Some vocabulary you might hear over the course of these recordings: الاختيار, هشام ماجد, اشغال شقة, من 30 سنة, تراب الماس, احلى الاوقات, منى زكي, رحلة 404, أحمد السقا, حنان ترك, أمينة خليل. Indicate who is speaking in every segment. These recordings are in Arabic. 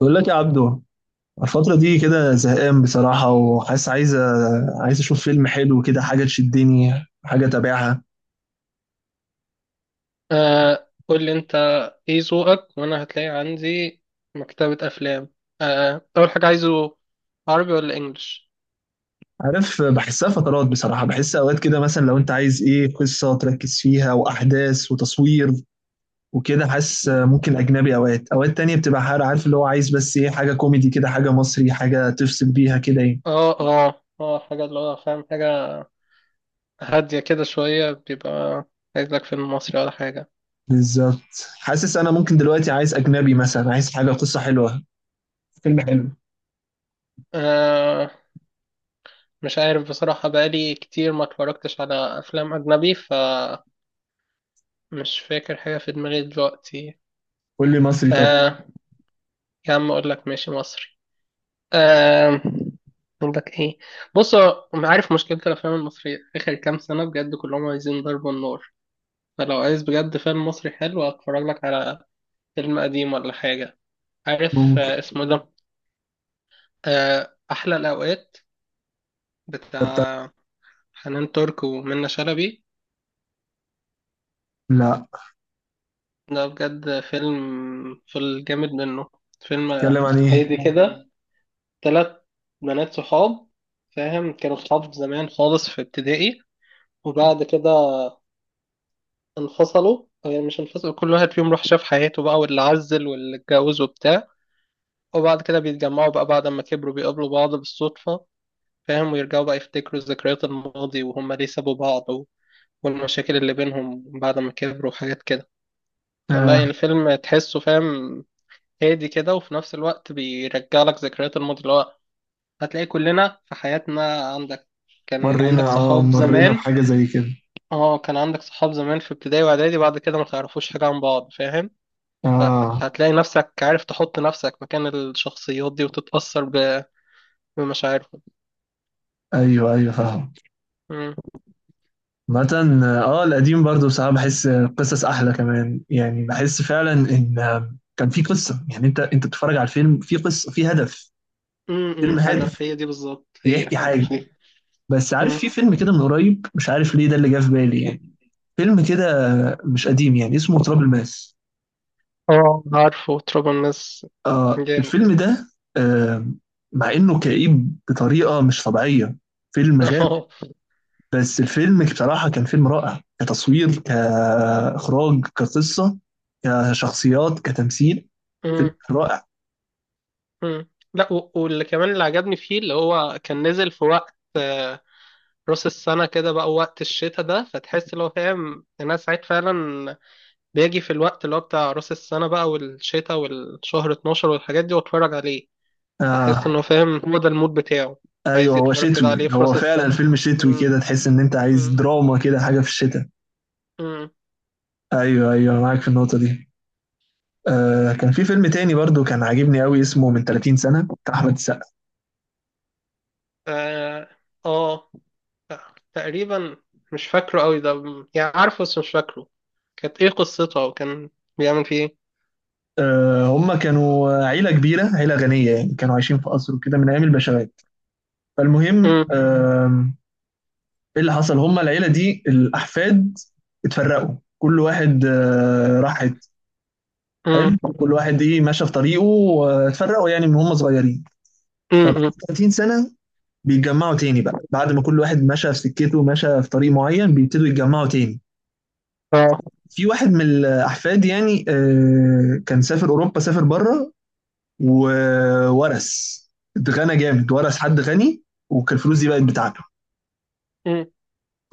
Speaker 1: بقول لك يا عبدو، الفترة دي كده زهقان بصراحة، وحاسس عايز أشوف فيلم حلو كده، حاجة تشدني، حاجة أتابعها.
Speaker 2: آه، قول لي انت ايه ذوقك، وانا هتلاقي عندي مكتبة افلام. آه، اول حاجة عايزه عربي ولا انجليش؟
Speaker 1: عارف بحسها فترات بصراحة، بحس أوقات كده مثلا لو أنت عايز إيه، قصة تركز فيها وأحداث وتصوير وكده، حاسس ممكن أجنبي. أوقات تانية بتبقى عارف اللي هو عايز، بس إيه، حاجة كوميدي كده، حاجة مصري، حاجة تفصل بيها كده يعني.
Speaker 2: اه، اه، اه، حاجة اللي هو فاهم، حاجة هادية كده شوية بيبقى، عايز لك فيلم مصري ولا حاجة؟
Speaker 1: بالظبط، حاسس أنا ممكن دلوقتي عايز أجنبي، مثلا عايز حاجة قصة حلوة، فيلم حلو.
Speaker 2: آه، مش عارف بصراحة، بقالي كتير ما اتفرجتش على افلام اجنبي فمش فاكر حاجة في دماغي دلوقتي.
Speaker 1: قول لي مصري طب.
Speaker 2: آه، يا عم اقول لك ماشي مصري. آم، اقول لك ايه؟ بص هو أنا عارف مشكله الافلام المصريه اخر كام سنه بجد كلهم عايزين ضرب النار. فلو عايز بجد فيلم مصري حلو هتفرج لك على فيلم قديم ولا حاجه. عارف
Speaker 1: ممكن.
Speaker 2: اسمه ده، احلى الاوقات، بتاع حنان ترك ومنة شلبي.
Speaker 1: لا،
Speaker 2: ده بجد فيلم، في الجامد منه، فيلم
Speaker 1: اتكلم عن ايه؟
Speaker 2: هادي كده. تلات بنات صحاب، فاهم، كانوا صحاب زمان خالص في ابتدائي، وبعد كده انفصلوا، يعني مش انفصلوا، كل واحد فيهم راح شاف حياته بقى، واللي عزل واللي اتجوز وبتاع. وبعد كده بيتجمعوا بقى بعد ما كبروا، بيقابلوا بعض بالصدفة، فاهم، ويرجعوا بقى يفتكروا ذكريات الماضي وهم ليه سابوا بعض والمشاكل اللي بينهم بعد ما كبروا وحاجات كده. لا
Speaker 1: آه.
Speaker 2: يعني فيلم تحسه فاهم، هادي كده، وفي نفس الوقت بيرجع لك ذكريات الماضي اللي هو، هتلاقي كلنا في حياتنا عندك، كان عندك
Speaker 1: مرينا، اه
Speaker 2: صحاب
Speaker 1: مرينا
Speaker 2: زمان.
Speaker 1: بحاجه زي كده.
Speaker 2: اه، كان عندك صحاب زمان في ابتدائي واعدادي، بعد كده ما تعرفوش حاجة عن بعض، فاهم. هت-
Speaker 1: اه.
Speaker 2: هتلاقي نفسك، عارف، تحط نفسك مكان الشخصيات دي وتتأثر بمشاعرهم.
Speaker 1: ايوه ايوه فاهم.
Speaker 2: مم.
Speaker 1: مثلا اه، القديم برضو بصراحه بحس قصص احلى كمان، يعني بحس فعلا ان كان في قصه، يعني انت بتتفرج على الفيلم في قصه، في هدف. فيلم هادف
Speaker 2: هدف، هي دي بالظبط، هي
Speaker 1: بيحكي حاجه.
Speaker 2: هدف هي.
Speaker 1: بس عارف،
Speaker 2: مم.
Speaker 1: في فيلم كده من قريب، مش عارف ليه ده اللي جه في بالي يعني. فيلم كده مش قديم، يعني اسمه تراب الماس.
Speaker 2: اه، عارفه تراب الناس،
Speaker 1: اه
Speaker 2: جامد.
Speaker 1: الفيلم ده. آه. مع انه كئيب بطريقه مش طبيعيه، فيلم غامق.
Speaker 2: اه.
Speaker 1: بس الفيلم بصراحة كان فيلم رائع، كتصوير، كإخراج، كقصة، كشخصيات، كتمثيل. فيلم
Speaker 2: مم،
Speaker 1: رائع.
Speaker 2: مم. لا واللي كمان اللي عجبني فيه اللي هو كان نزل في وقت راس السنة كده بقى، وقت الشتاء ده، فتحس اللي هو فاهم الناس ساعات فعلا بيجي في الوقت اللي هو بتاع راس السنة بقى، والشتاء، والشهر 12 والحاجات دي، واتفرج عليه، احس
Speaker 1: آه.
Speaker 2: انه فاهم هو ده المود بتاعه.
Speaker 1: أيوه
Speaker 2: عايز
Speaker 1: هو
Speaker 2: يتفرج كده
Speaker 1: شتوي،
Speaker 2: عليه في
Speaker 1: هو
Speaker 2: راس
Speaker 1: فعلا
Speaker 2: السنة.
Speaker 1: فيلم شتوي
Speaker 2: مم.
Speaker 1: كده، تحس إن أنت عايز
Speaker 2: مم.
Speaker 1: دراما كده، حاجة في الشتاء.
Speaker 2: مم.
Speaker 1: أيوه أيوه معاك في النقطة دي. آه، كان في فيلم تاني برضو كان عاجبني قوي، اسمه من 30 سنة، بتاع أحمد السقا.
Speaker 2: اه. آه. تقريبا، مش فاكره قوي ده، يعني عارفه بس مش فاكره كانت ايه قصتها، وكان بيعمل فيه ايه.
Speaker 1: آه، هم كانوا عيلة كبيرة، عيلة غنية يعني، كانوا عايشين في قصر وكده من أيام البشوات. فالمهم
Speaker 2: مم.
Speaker 1: آه، ايه اللي حصل، هما العيله دي الاحفاد اتفرقوا، كل واحد راح حته. حلو.
Speaker 2: مم.
Speaker 1: كل واحد ايه ماشى في طريقه، واتفرقوا يعني من هم صغيرين.
Speaker 2: مم.
Speaker 1: فبعد
Speaker 2: مم.
Speaker 1: 30 سنه بيتجمعوا تاني بقى، بعد ما كل واحد مشى في سكته، مشى في طريق معين، بيبتدوا يتجمعوا تاني.
Speaker 2: اه.
Speaker 1: في واحد من الاحفاد يعني، كان سافر اوروبا، سافر بره، وورث، اتغنى جامد، ورث حد غني، وكان الفلوس دي بقت بتاعته.
Speaker 2: مم.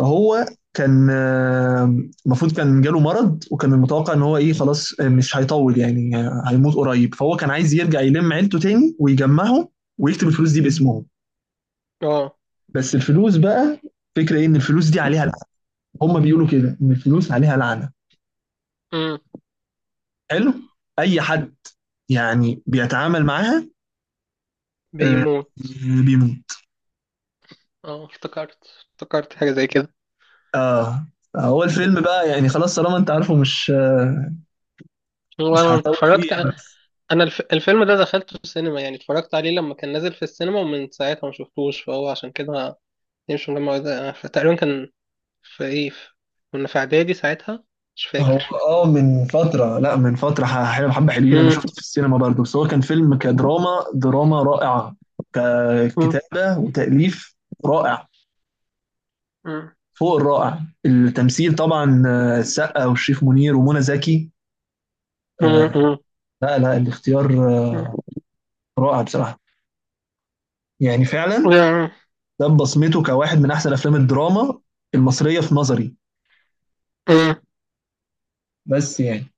Speaker 1: هو كان المفروض كان جاله مرض، وكان المتوقع ان هو ايه، خلاص مش هيطول يعني، هيموت قريب. فهو كان عايز يرجع يلم عيلته تاني ويجمعهم ويكتب الفلوس دي باسمهم.
Speaker 2: اه.
Speaker 1: بس الفلوس بقى، فكرة ايه ان الفلوس دي عليها لعنة، هم بيقولوا كده ان الفلوس عليها لعنة.
Speaker 2: مم.
Speaker 1: حلو. اي حد يعني بيتعامل معاها آه،
Speaker 2: بيموت.
Speaker 1: بيموت.
Speaker 2: اه، افتكرت، افتكرت حاجة زي كده.
Speaker 1: اه. هو الفيلم بقى يعني خلاص طالما انت عارفه، مش مش
Speaker 2: وانا
Speaker 1: هطول فيه
Speaker 2: اتفرجت.
Speaker 1: يعني.
Speaker 2: انا الفيلم ده دخلته السينما، يعني اتفرجت عليه لما كان نازل في السينما، ومن ساعتها ما شفتوش، فهو عشان كده مش الجامعة، ده تقريبا كان في ايه، كنا في اعدادي ساعتها، مش
Speaker 1: هو
Speaker 2: فاكر.
Speaker 1: اه من فترة، لا من فترة حلو حبة، حلوين. أنا شفته
Speaker 2: مم.
Speaker 1: في السينما برضه، بس هو كان فيلم كدراما، دراما رائعة،
Speaker 2: مم.
Speaker 1: ككتابة وتأليف رائع،
Speaker 2: مم.
Speaker 1: فوق الرائع. التمثيل طبعا السقا والشريف منير ومنى زكي،
Speaker 2: مم.
Speaker 1: آه،
Speaker 2: مم.
Speaker 1: لا لا، الاختيار
Speaker 2: مم.
Speaker 1: رائع بصراحة، يعني فعلا ده بصمته كواحد من أحسن أفلام الدراما المصرية في نظري.
Speaker 2: مم.
Speaker 1: بس يعني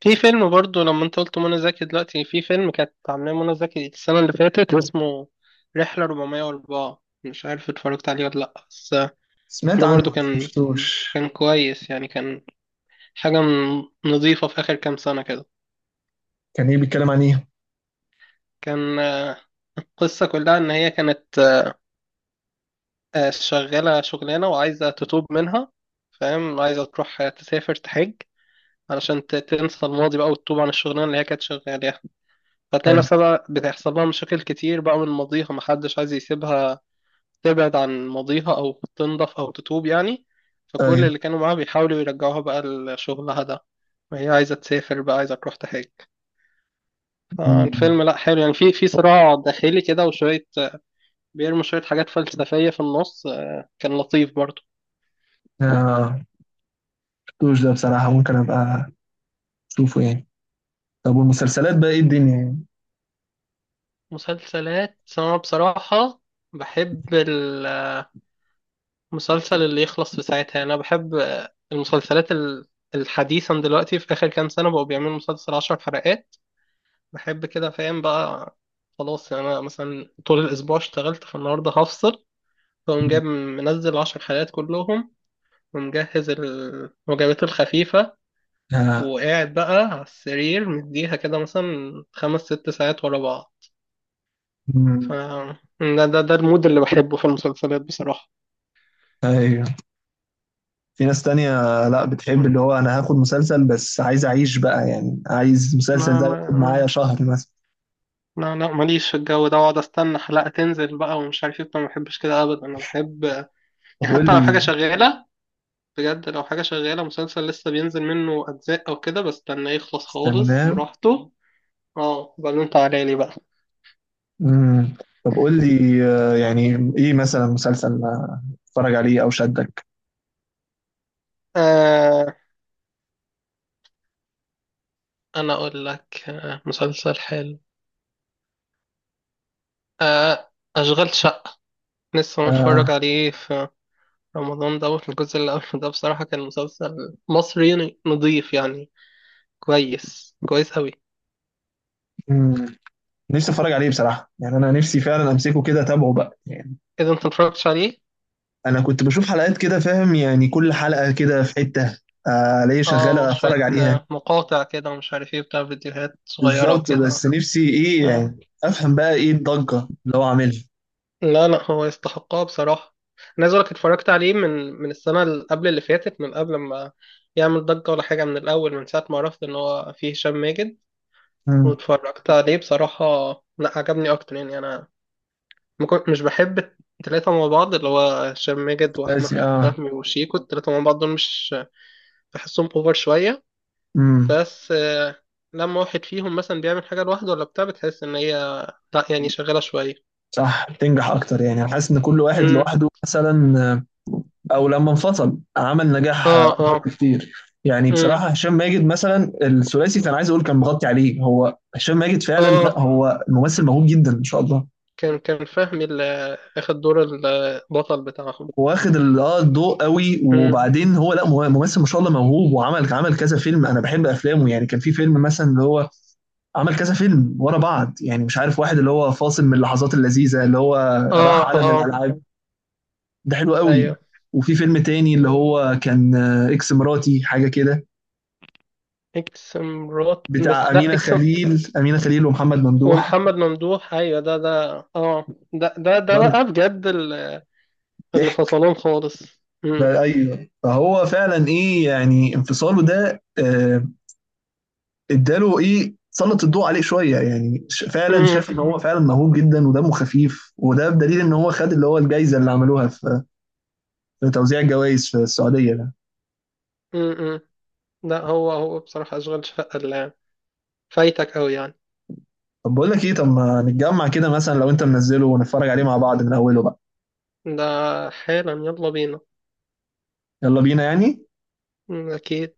Speaker 2: في فيلم برضو، لما انت قلت منى زكي، دلوقتي في فيلم كانت عاملاه منى زكي السنة اللي فاتت، اسمه رحلة 404، مش عارف اتفرجت عليه ولا لأ، بس
Speaker 1: سمعت
Speaker 2: ده برضو
Speaker 1: عنه بس ما
Speaker 2: كان
Speaker 1: شفتوش.
Speaker 2: كان كويس يعني، كان حاجة نظيفة في آخر كام سنة كده.
Speaker 1: كان إيه بيتكلم عن إيه؟
Speaker 2: كان القصة كلها إن هي كانت شغالة شغلانة وعايزة تتوب منها، فاهم، عايزة تروح تسافر تحج علشان تنسى الماضي بقى وتتوب عن الشغلانة اللي هي كانت شغالة. هتلاقي
Speaker 1: حلو.
Speaker 2: نفسها بقى بتحصل لها مشاكل كتير بقى من ماضيها، محدش عايز يسيبها تبعد عن ماضيها أو تنضف أو تتوب يعني. فكل
Speaker 1: أيوه.
Speaker 2: اللي كانوا معاها بيحاولوا يرجعوها بقى لشغلها ده، وهي عايزة تسافر بقى، عايزة تروح تحج.
Speaker 1: مم.
Speaker 2: فالفيلم لأ، حلو يعني، في صراع داخلي كده، وشوية بيرموا شوية حاجات فلسفية في النص، كان لطيف برضه.
Speaker 1: آه. شفتوش ده بصراحة، ممكن أبقى أشوفه يعني. طب والمسلسلات بقى إيه الدنيا يعني؟
Speaker 2: مسلسلات أنا بصراحة بحب المسلسل اللي يخلص في ساعتها، يعني أنا بحب المسلسلات الحديثا دلوقتي، في آخر كام سنة بقوا بيعملوا مسلسل عشر حلقات. بحب كده، فاهم بقى، خلاص يعني، أنا مثلا طول الأسبوع اشتغلت، فالنهاردة هفصل فأقوم جايب منزل عشر حلقات كلهم، ومجهز الوجبات الخفيفة،
Speaker 1: آه.
Speaker 2: وقاعد بقى على السرير مديها كده مثلا خمس ست ساعات ورا بعض. ف
Speaker 1: مم.
Speaker 2: ده المود اللي بحبه في المسلسلات بصراحة.
Speaker 1: أيوه. في ناس تانية لا بتحب
Speaker 2: لا،
Speaker 1: اللي هو أنا هاخد مسلسل، بس عايز أعيش بقى يعني، عايز المسلسل ده ياخد معايا
Speaker 2: لا،
Speaker 1: شهر مثلا.
Speaker 2: لا، لا، ماليش في الجو ده، واقعد استنى حلقة تنزل بقى ومش عارف ايه، أنا ما بحبش كده ابدا، انا بحب
Speaker 1: طب
Speaker 2: يعني
Speaker 1: قول
Speaker 2: حتى لو حاجة
Speaker 1: لي.
Speaker 2: شغالة، بجد لو حاجة شغالة مسلسل لسه بينزل منه اجزاء او كده، بستناه يخلص خالص
Speaker 1: استناه.
Speaker 2: براحته. اه بعدين انت عليلي بقى.
Speaker 1: مم. طب قول لي يعني إيه مثلا مسلسل اتفرج عليه أو شدك.
Speaker 2: آه انا اقول لك مسلسل حلو، آه اشغال شقة، لسه
Speaker 1: آه.
Speaker 2: متفرج عليه في رمضان ده، الجزء اللي قبل ده بصراحة كان مسلسل مصري نضيف يعني، كويس كويس أوي.
Speaker 1: مم. نفسي أتفرج عليه بصراحة، يعني أنا نفسي فعلا أمسكه كده أتابعه بقى.
Speaker 2: إذا أنت متفرجتش عليه.
Speaker 1: انا كنت بشوف حلقات كده، فاهم يعني كل حلقه كده في حته، الاقي
Speaker 2: اه،
Speaker 1: شغاله اتفرج
Speaker 2: شوية
Speaker 1: عليها.
Speaker 2: مقاطع كده، ومش عارف ايه، بتاع فيديوهات صغيرة
Speaker 1: بالظبط، بس
Speaker 2: وكده.
Speaker 1: نفسي ايه
Speaker 2: آه.
Speaker 1: يعني، افهم بقى ايه الضجه اللي هو عاملها.
Speaker 2: لا، لا، هو يستحقها بصراحة، أنا عايز أقولك اتفرجت عليه من السنة اللي قبل اللي فاتت، من قبل ما يعمل ضجة ولا حاجة، من الأول، من ساعة ما عرفت إن هو فيه هشام ماجد،
Speaker 1: مم.
Speaker 2: واتفرجت عليه بصراحة. لا، عجبني أكتر يعني، أنا ما كنت- مش بحب التلاتة مع بعض، اللي هو هشام ماجد وأحمد
Speaker 1: بس اه.
Speaker 2: فهمي وشيكو، التلاتة مع بعض دول مش بحسهم، أوفر شوية،
Speaker 1: امم.
Speaker 2: بس لما واحد فيهم مثلا بيعمل حاجة لوحده ولا بتاع، بتحس إن هي لا يعني شغالة شوية.
Speaker 1: صح، بتنجح اكتر، يعني انا حاسس ان كل واحد
Speaker 2: امم،
Speaker 1: لوحده مثلا او لما انفصل عمل نجاح
Speaker 2: اه،
Speaker 1: اكبر
Speaker 2: اه.
Speaker 1: بكتير. يعني
Speaker 2: امم،
Speaker 1: بصراحه هشام ماجد مثلا، الثلاثي كان عايز اقول كان مغطي عليه، هو هشام ماجد فعلا، لا
Speaker 2: اه،
Speaker 1: هو ممثل موهوب جدا ما شاء الله.
Speaker 2: كان فهمي اللي اخد دور البطل بتاعهم.
Speaker 1: واخد الضوء قوي.
Speaker 2: امم،
Speaker 1: وبعدين هو لا، ممثل ما شاء الله موهوب، وعمل عمل كذا فيلم، انا بحب افلامه يعني. كان في فيلم مثلا اللي هو عمل كذا فيلم ورا بعض، يعني مش عارف واحد اللي هو فاصل، من اللحظات اللذيذه اللي هو
Speaker 2: اه،
Speaker 1: راح عالم
Speaker 2: اه،
Speaker 1: الالعاب، ده حلو قوي.
Speaker 2: ايوه.
Speaker 1: وفي فيلم تاني اللي
Speaker 2: مم.
Speaker 1: هو كان اكس مراتي حاجه كده،
Speaker 2: اكس مرات،
Speaker 1: بتاع
Speaker 2: بس لا
Speaker 1: امينه
Speaker 2: اكس.
Speaker 1: خليل، امينه خليل ومحمد ممدوح
Speaker 2: ومحمد ممدوح، ايوه، ده اه، ده
Speaker 1: برضه.
Speaker 2: بقى بجد، اللي
Speaker 1: ضحك
Speaker 2: فصلهم خالص. امم،
Speaker 1: بقى- ايوه، فهو فعلا ايه يعني، انفصاله ده اداله ايه، سلط الضوء عليه شويه، يعني فعلا
Speaker 2: امم،
Speaker 1: شاف ان هو فعلا موهوب جدا ودمه خفيف. وده بدليل ان هو خد اللي هو الجائزه اللي عملوها في في توزيع الجوائز في السعوديه ده.
Speaker 2: امم. لا، هو بصراحة اشغال شقة اللي فايتك قوي يعني،
Speaker 1: طب بقول لك ايه، طب ما نتجمع كده مثلا، لو انت منزله ونتفرج عليه مع بعض من اوله بقى.
Speaker 2: ده حالا، يلا بينا.
Speaker 1: يلا بينا يعني.
Speaker 2: مم، اكيد.